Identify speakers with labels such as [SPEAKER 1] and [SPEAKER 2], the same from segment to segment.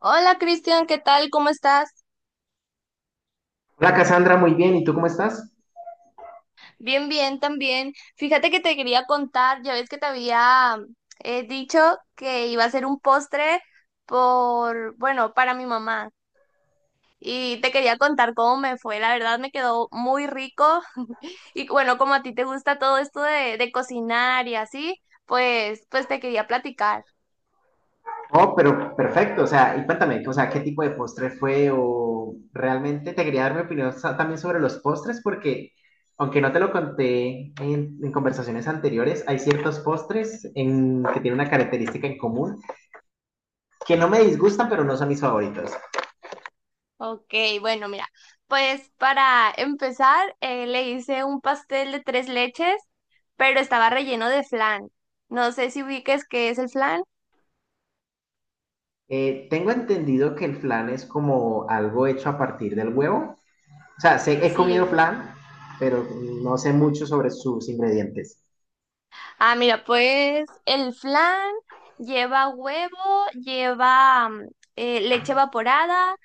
[SPEAKER 1] Hola Cristian, ¿qué tal? ¿Cómo estás?
[SPEAKER 2] Hola Cassandra, muy bien. ¿Y tú cómo estás?
[SPEAKER 1] Bien, bien, también. Fíjate que te quería contar, ya ves que te había dicho que iba a hacer un postre por, bueno, para mi mamá. Y te quería contar cómo me fue. La verdad me quedó muy rico. Y bueno, como a ti te gusta todo esto de cocinar y así, pues te quería platicar.
[SPEAKER 2] Oh, pero perfecto. O sea, y cuéntame, o sea, ¿qué tipo de postre fue? O realmente te quería dar mi opinión también sobre los postres, porque aunque no te lo conté en conversaciones anteriores, hay ciertos postres que tienen una característica en común que no me disgustan, pero no son mis favoritos.
[SPEAKER 1] Ok, bueno, mira, pues para empezar, le hice un pastel de tres leches, pero estaba relleno de flan. No sé si ubiques qué es el flan.
[SPEAKER 2] Tengo entendido que el flan es como algo hecho a partir del huevo. O sea, sé, he comido
[SPEAKER 1] Sí.
[SPEAKER 2] flan, pero no sé mucho sobre sus ingredientes.
[SPEAKER 1] Ah, mira, pues el flan lleva huevo, lleva leche evaporada,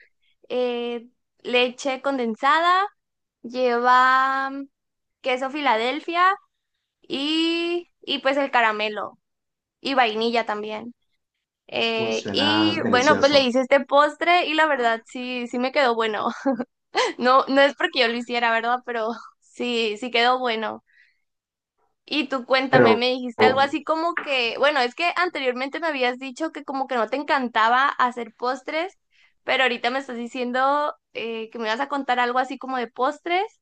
[SPEAKER 1] eh, leche condensada, lleva queso Filadelfia y pues el caramelo y vainilla también.
[SPEAKER 2] Uy,
[SPEAKER 1] Y
[SPEAKER 2] suena
[SPEAKER 1] bueno, pues le
[SPEAKER 2] delicioso.
[SPEAKER 1] hice este postre y la verdad sí, sí me quedó bueno. No, no es porque yo lo hiciera, ¿verdad? Pero sí, sí quedó bueno. Y tú cuéntame,
[SPEAKER 2] Pero
[SPEAKER 1] me dijiste algo así como que, bueno, es que anteriormente me habías dicho que como que no te encantaba hacer postres, pero ahorita me estás diciendo que me vas a contar algo así como de postres,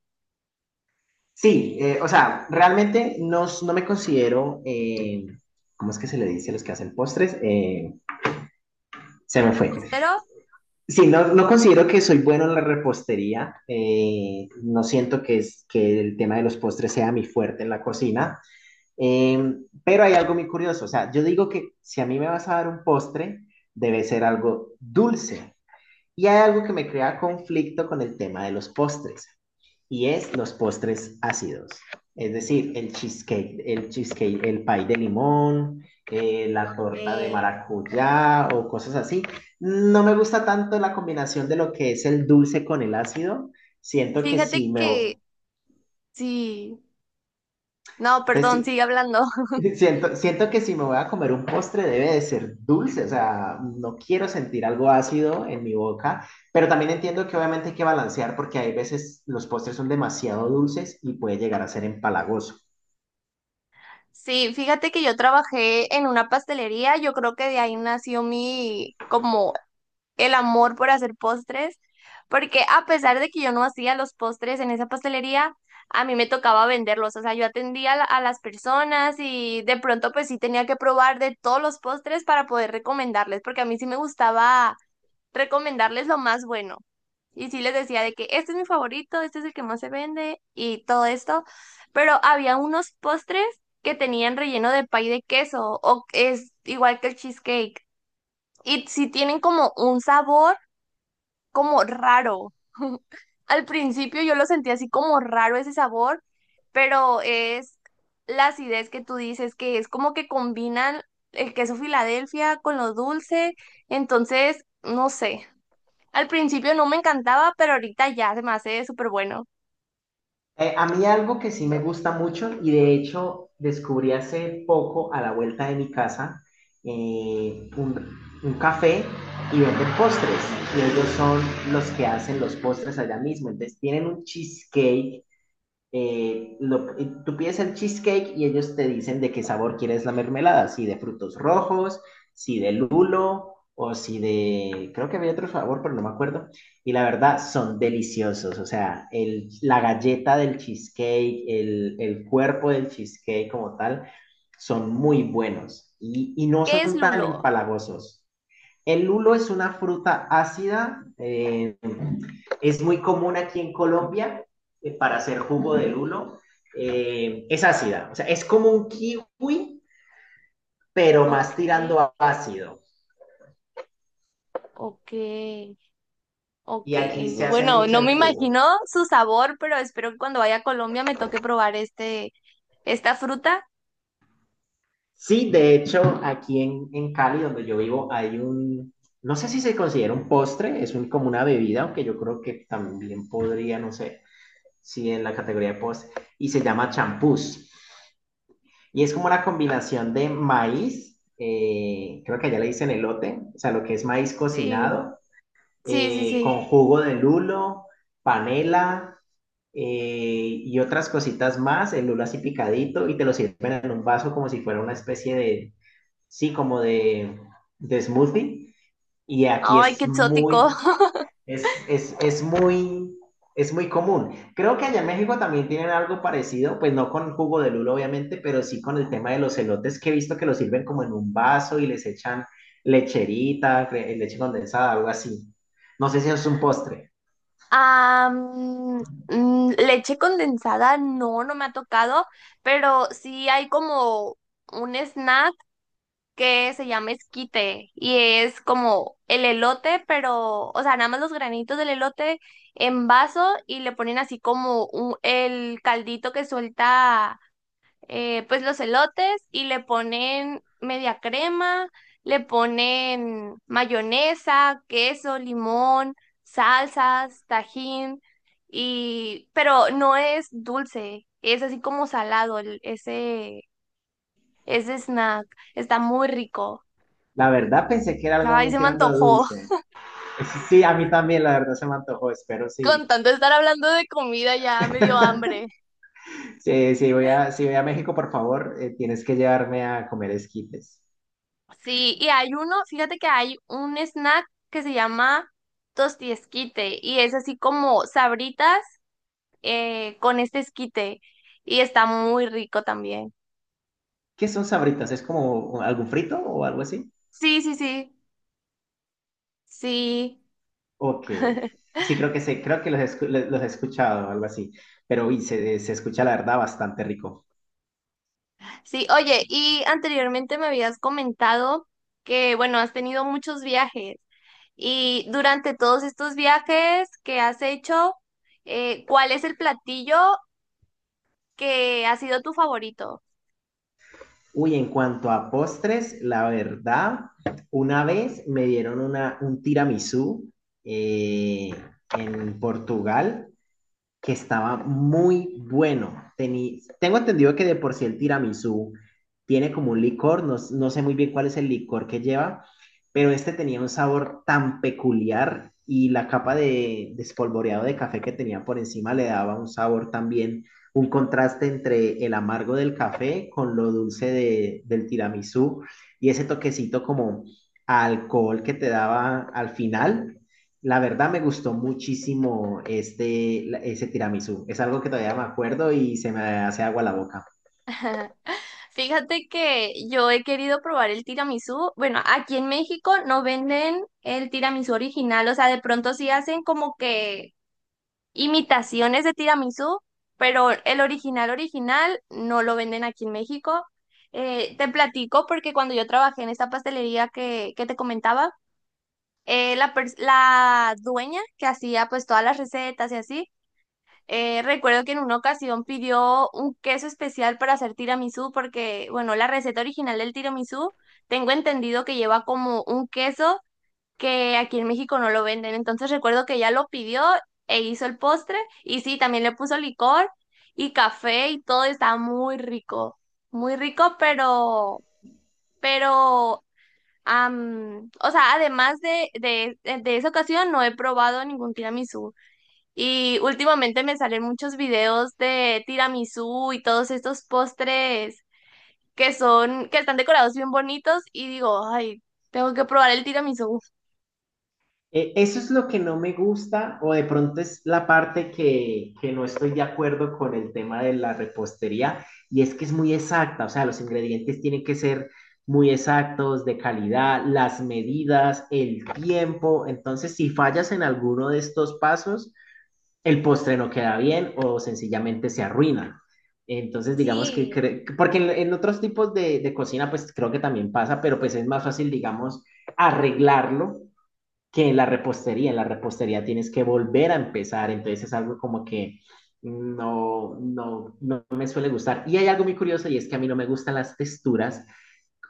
[SPEAKER 2] sí, o sea, realmente no me considero, ¿cómo es que se le dice a los que hacen postres? Se me fue.
[SPEAKER 1] repostero.
[SPEAKER 2] Sí, no considero que soy bueno en la repostería. No siento que el tema de los postres sea mi fuerte en la cocina. eh, pero hay algo muy curioso. O sea, yo digo que si a mí me vas a dar un postre, debe ser algo dulce. Y hay algo que me crea conflicto con el tema de los postres, y es los postres ácidos. Es decir, el cheesecake, el pie de limón, la torta de
[SPEAKER 1] Eh,
[SPEAKER 2] maracuyá o cosas así. No me gusta tanto la combinación de lo que es el dulce con el ácido. Siento que
[SPEAKER 1] Fíjate
[SPEAKER 2] si me,
[SPEAKER 1] que sí, no,
[SPEAKER 2] entonces,
[SPEAKER 1] perdón, sigue hablando.
[SPEAKER 2] si, siento que si me voy a comer un postre debe de ser dulce. O sea, no quiero sentir algo ácido en mi boca, pero también entiendo que obviamente hay que balancear porque hay veces los postres son demasiado dulces y puede llegar a ser empalagoso.
[SPEAKER 1] Sí, fíjate que yo trabajé en una pastelería, yo creo que de ahí nació mi, como el amor por hacer postres, porque a pesar de que yo no hacía los postres en esa pastelería, a mí me tocaba venderlos, o sea, yo atendía a, a las personas y de pronto pues sí tenía que probar de todos los postres para poder recomendarles, porque a mí sí me gustaba recomendarles lo más bueno. Y sí les decía de que este es mi favorito, este es el que más se vende y todo esto, pero había unos postres que tenían relleno de pay de queso o es igual que el cheesecake y sí tienen como un sabor como raro. Al principio yo lo sentí así como raro ese sabor, pero es la acidez que tú dices que es como que combinan el queso Filadelfia con lo dulce, entonces no sé. Al principio no me encantaba, pero ahorita ya se me hace súper bueno.
[SPEAKER 2] A mí algo que sí me gusta mucho, y de hecho descubrí hace poco a la vuelta de mi casa un café y venden postres, y ellos son los que hacen los postres allá mismo. Entonces tienen un cheesecake. Tú pides el cheesecake y ellos te dicen de qué sabor quieres la mermelada, si de frutos rojos, si de lulo o si de, creo que había otro sabor, pero no me acuerdo. Y la verdad, son deliciosos. O sea, la galleta del cheesecake, el cuerpo del cheesecake como tal, son muy buenos y no
[SPEAKER 1] ¿Qué es
[SPEAKER 2] son tan
[SPEAKER 1] lulo?
[SPEAKER 2] empalagosos. El lulo es una fruta ácida. Es muy común aquí en Colombia para hacer jugo de lulo. Es ácida, o sea, es como un kiwi, pero más
[SPEAKER 1] Ok,
[SPEAKER 2] tirando a ácido.
[SPEAKER 1] ok,
[SPEAKER 2] Y
[SPEAKER 1] ok.
[SPEAKER 2] aquí se hace
[SPEAKER 1] Bueno,
[SPEAKER 2] mucho
[SPEAKER 1] no
[SPEAKER 2] en
[SPEAKER 1] me
[SPEAKER 2] jugo.
[SPEAKER 1] imagino su sabor, pero espero que cuando vaya a Colombia me toque probar este, esta fruta.
[SPEAKER 2] Sí, de hecho, aquí en Cali, donde yo vivo, hay un, no sé si se considera un postre, es un, como una bebida, aunque yo creo que también podría, no sé, si en la categoría de postre, y se llama champús. Y es como una combinación de maíz, creo que allá le dicen elote, o sea, lo que es maíz
[SPEAKER 1] Sí,
[SPEAKER 2] cocinado,
[SPEAKER 1] sí, sí, sí.
[SPEAKER 2] con jugo de lulo, panela eh, y otras cositas más, el lulo así picadito, y te lo sirven en un vaso como si fuera una especie de, sí, de smoothie. Y aquí
[SPEAKER 1] Ay,
[SPEAKER 2] es
[SPEAKER 1] qué
[SPEAKER 2] muy
[SPEAKER 1] exótico.
[SPEAKER 2] es muy, es muy común. Creo que allá en México también tienen algo parecido, pues no con jugo de lulo, obviamente, pero sí con el tema de los elotes, que he visto que los sirven como en un vaso y les echan lecherita, leche condensada, algo así. No sé si es un postre.
[SPEAKER 1] Ah, mm, mm, leche condensada, no, no me ha tocado, pero sí hay como un snack que se llama esquite y es como el elote, pero, o sea, nada más los granitos del elote en vaso y le ponen así como el caldito que suelta, pues los elotes y le ponen media crema, le ponen mayonesa, queso, limón, salsas, tajín y, pero no es dulce, es así como salado ese, ese snack, está muy rico.
[SPEAKER 2] La verdad pensé que era algo
[SPEAKER 1] Ay,
[SPEAKER 2] me
[SPEAKER 1] se me
[SPEAKER 2] tirando a
[SPEAKER 1] antojó.
[SPEAKER 2] dulce. Sí, a mí también, la verdad se me antojó, espero sí.
[SPEAKER 1] Con tanto estar hablando de comida ya me dio hambre.
[SPEAKER 2] Sí, sí, voy a, si voy a México, por favor, tienes que llevarme a comer esquites.
[SPEAKER 1] Sí, y hay uno, fíjate que hay un snack que se llama tostiesquite y es así como sabritas con este esquite y está muy rico también.
[SPEAKER 2] ¿Qué son sabritas? ¿Es como algún frito o algo así?
[SPEAKER 1] Sí, sí, sí, sí.
[SPEAKER 2] Ok. Sí, creo que sé, creo que los, los he escuchado, algo así. Pero uy, se escucha la verdad bastante rico.
[SPEAKER 1] Sí, oye, y anteriormente me habías comentado que, bueno, has tenido muchos viajes y durante todos estos viajes que has hecho, ¿cuál es el platillo que ha sido tu favorito?
[SPEAKER 2] Uy, en cuanto a postres, la verdad, una vez me dieron un tiramisú eh, en Portugal que estaba muy bueno. Tengo entendido que de por sí el tiramisú tiene como un licor, no, no sé muy bien cuál es el licor que lleva, pero este tenía un sabor tan peculiar, y la capa de espolvoreado de café que tenía por encima le daba un sabor también, un contraste entre el amargo del café con lo dulce del tiramisú y ese toquecito como a alcohol que te daba al final. La verdad me gustó muchísimo ese tiramisú. Es algo que todavía me acuerdo y se me hace agua la boca.
[SPEAKER 1] Fíjate que yo he querido probar el tiramisú. Bueno, aquí en México no venden el tiramisú original, o sea, de pronto sí hacen como que imitaciones de tiramisú, pero el original original no lo venden aquí en México. Te platico porque cuando yo trabajé en esta pastelería que te comentaba, la, la dueña que hacía pues todas las recetas y así, recuerdo que en una ocasión pidió un queso especial para hacer tiramisú porque, bueno, la receta original del tiramisú, tengo entendido que lleva como un queso que aquí en México no lo venden. Entonces recuerdo que ella lo pidió e hizo el postre y sí, también le puso licor y café y todo estaba muy rico, pero, o sea, además de esa ocasión no he probado ningún tiramisú. Y últimamente me salen muchos videos de tiramisú y todos estos postres que están decorados bien bonitos y digo, ay, tengo que probar el tiramisú.
[SPEAKER 2] Eso es lo que no me gusta, o de pronto es la parte que no estoy de acuerdo con el tema de la repostería, y es que es muy exacta. O sea, los ingredientes tienen que ser muy exactos, de calidad, las medidas, el tiempo. Entonces, si fallas en alguno de estos pasos, el postre no queda bien o sencillamente se arruina. Entonces, digamos que,
[SPEAKER 1] Sí,
[SPEAKER 2] porque en otros tipos de cocina, pues creo que también pasa, pero pues es más fácil, digamos, arreglarlo que en la repostería. En la repostería tienes que volver a empezar, entonces es algo como que no me suele gustar. Y hay algo muy curioso, y es que a mí no me gustan las texturas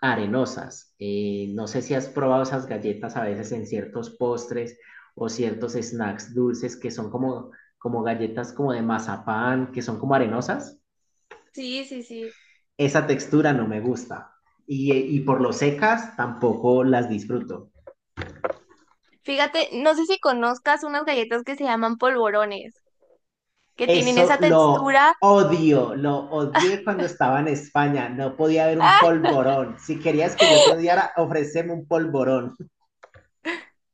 [SPEAKER 2] arenosas. No sé si has probado esas galletas a veces en ciertos postres o ciertos snacks dulces que son como, como galletas como de mazapán, que son como arenosas.
[SPEAKER 1] sí, sí, sí.
[SPEAKER 2] Esa textura no me gusta. Y por lo secas tampoco las disfruto.
[SPEAKER 1] Fíjate, no sé si conozcas unas galletas que se llaman polvorones, que tienen
[SPEAKER 2] Eso
[SPEAKER 1] esa
[SPEAKER 2] lo
[SPEAKER 1] textura.
[SPEAKER 2] odio, lo odié cuando estaba en España. No podía haber un polvorón. Si querías que yo te
[SPEAKER 1] ¡Ah!
[SPEAKER 2] odiara, ofreceme un polvorón.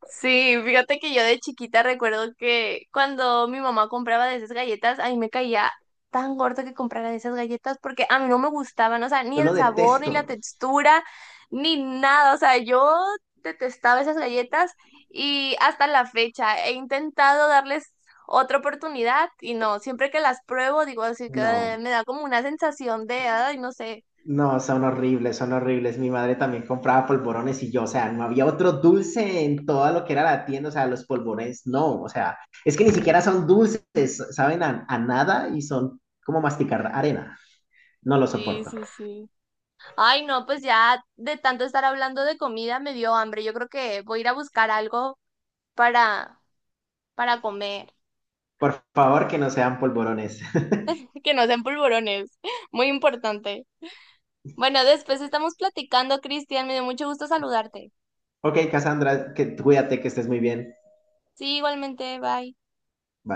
[SPEAKER 1] Sí, fíjate que yo de chiquita recuerdo que cuando mi mamá compraba de esas galletas, a mí me caía tan gordo que comprara de esas galletas porque a mí no me gustaban, o sea, ni
[SPEAKER 2] Yo
[SPEAKER 1] el
[SPEAKER 2] lo
[SPEAKER 1] sabor, ni la
[SPEAKER 2] detesto.
[SPEAKER 1] textura, ni nada, o sea, yo detestaba esas galletas y hasta la fecha he intentado darles otra oportunidad y no, siempre que las pruebo digo así que
[SPEAKER 2] No,
[SPEAKER 1] me da como una sensación de, ay, no sé.
[SPEAKER 2] no, son horribles, son horribles. Mi madre también compraba polvorones y yo, o sea, no había otro dulce en toda lo que era la tienda. O sea, los polvorones, no, o sea, es que ni siquiera son dulces, saben a nada y son como masticar arena. No lo
[SPEAKER 1] Sí,
[SPEAKER 2] soporto.
[SPEAKER 1] sí, sí. Ay, no, pues ya de tanto estar hablando de comida me dio hambre. Yo creo que voy a ir a buscar algo para, para comer.
[SPEAKER 2] Por favor, que no sean polvorones.
[SPEAKER 1] Que no sean polvorones. Muy importante. Bueno, después estamos platicando, Cristian. Me dio mucho gusto saludarte.
[SPEAKER 2] Ok, Cassandra, que, cuídate, que estés muy bien.
[SPEAKER 1] Sí, igualmente. Bye.
[SPEAKER 2] Bye.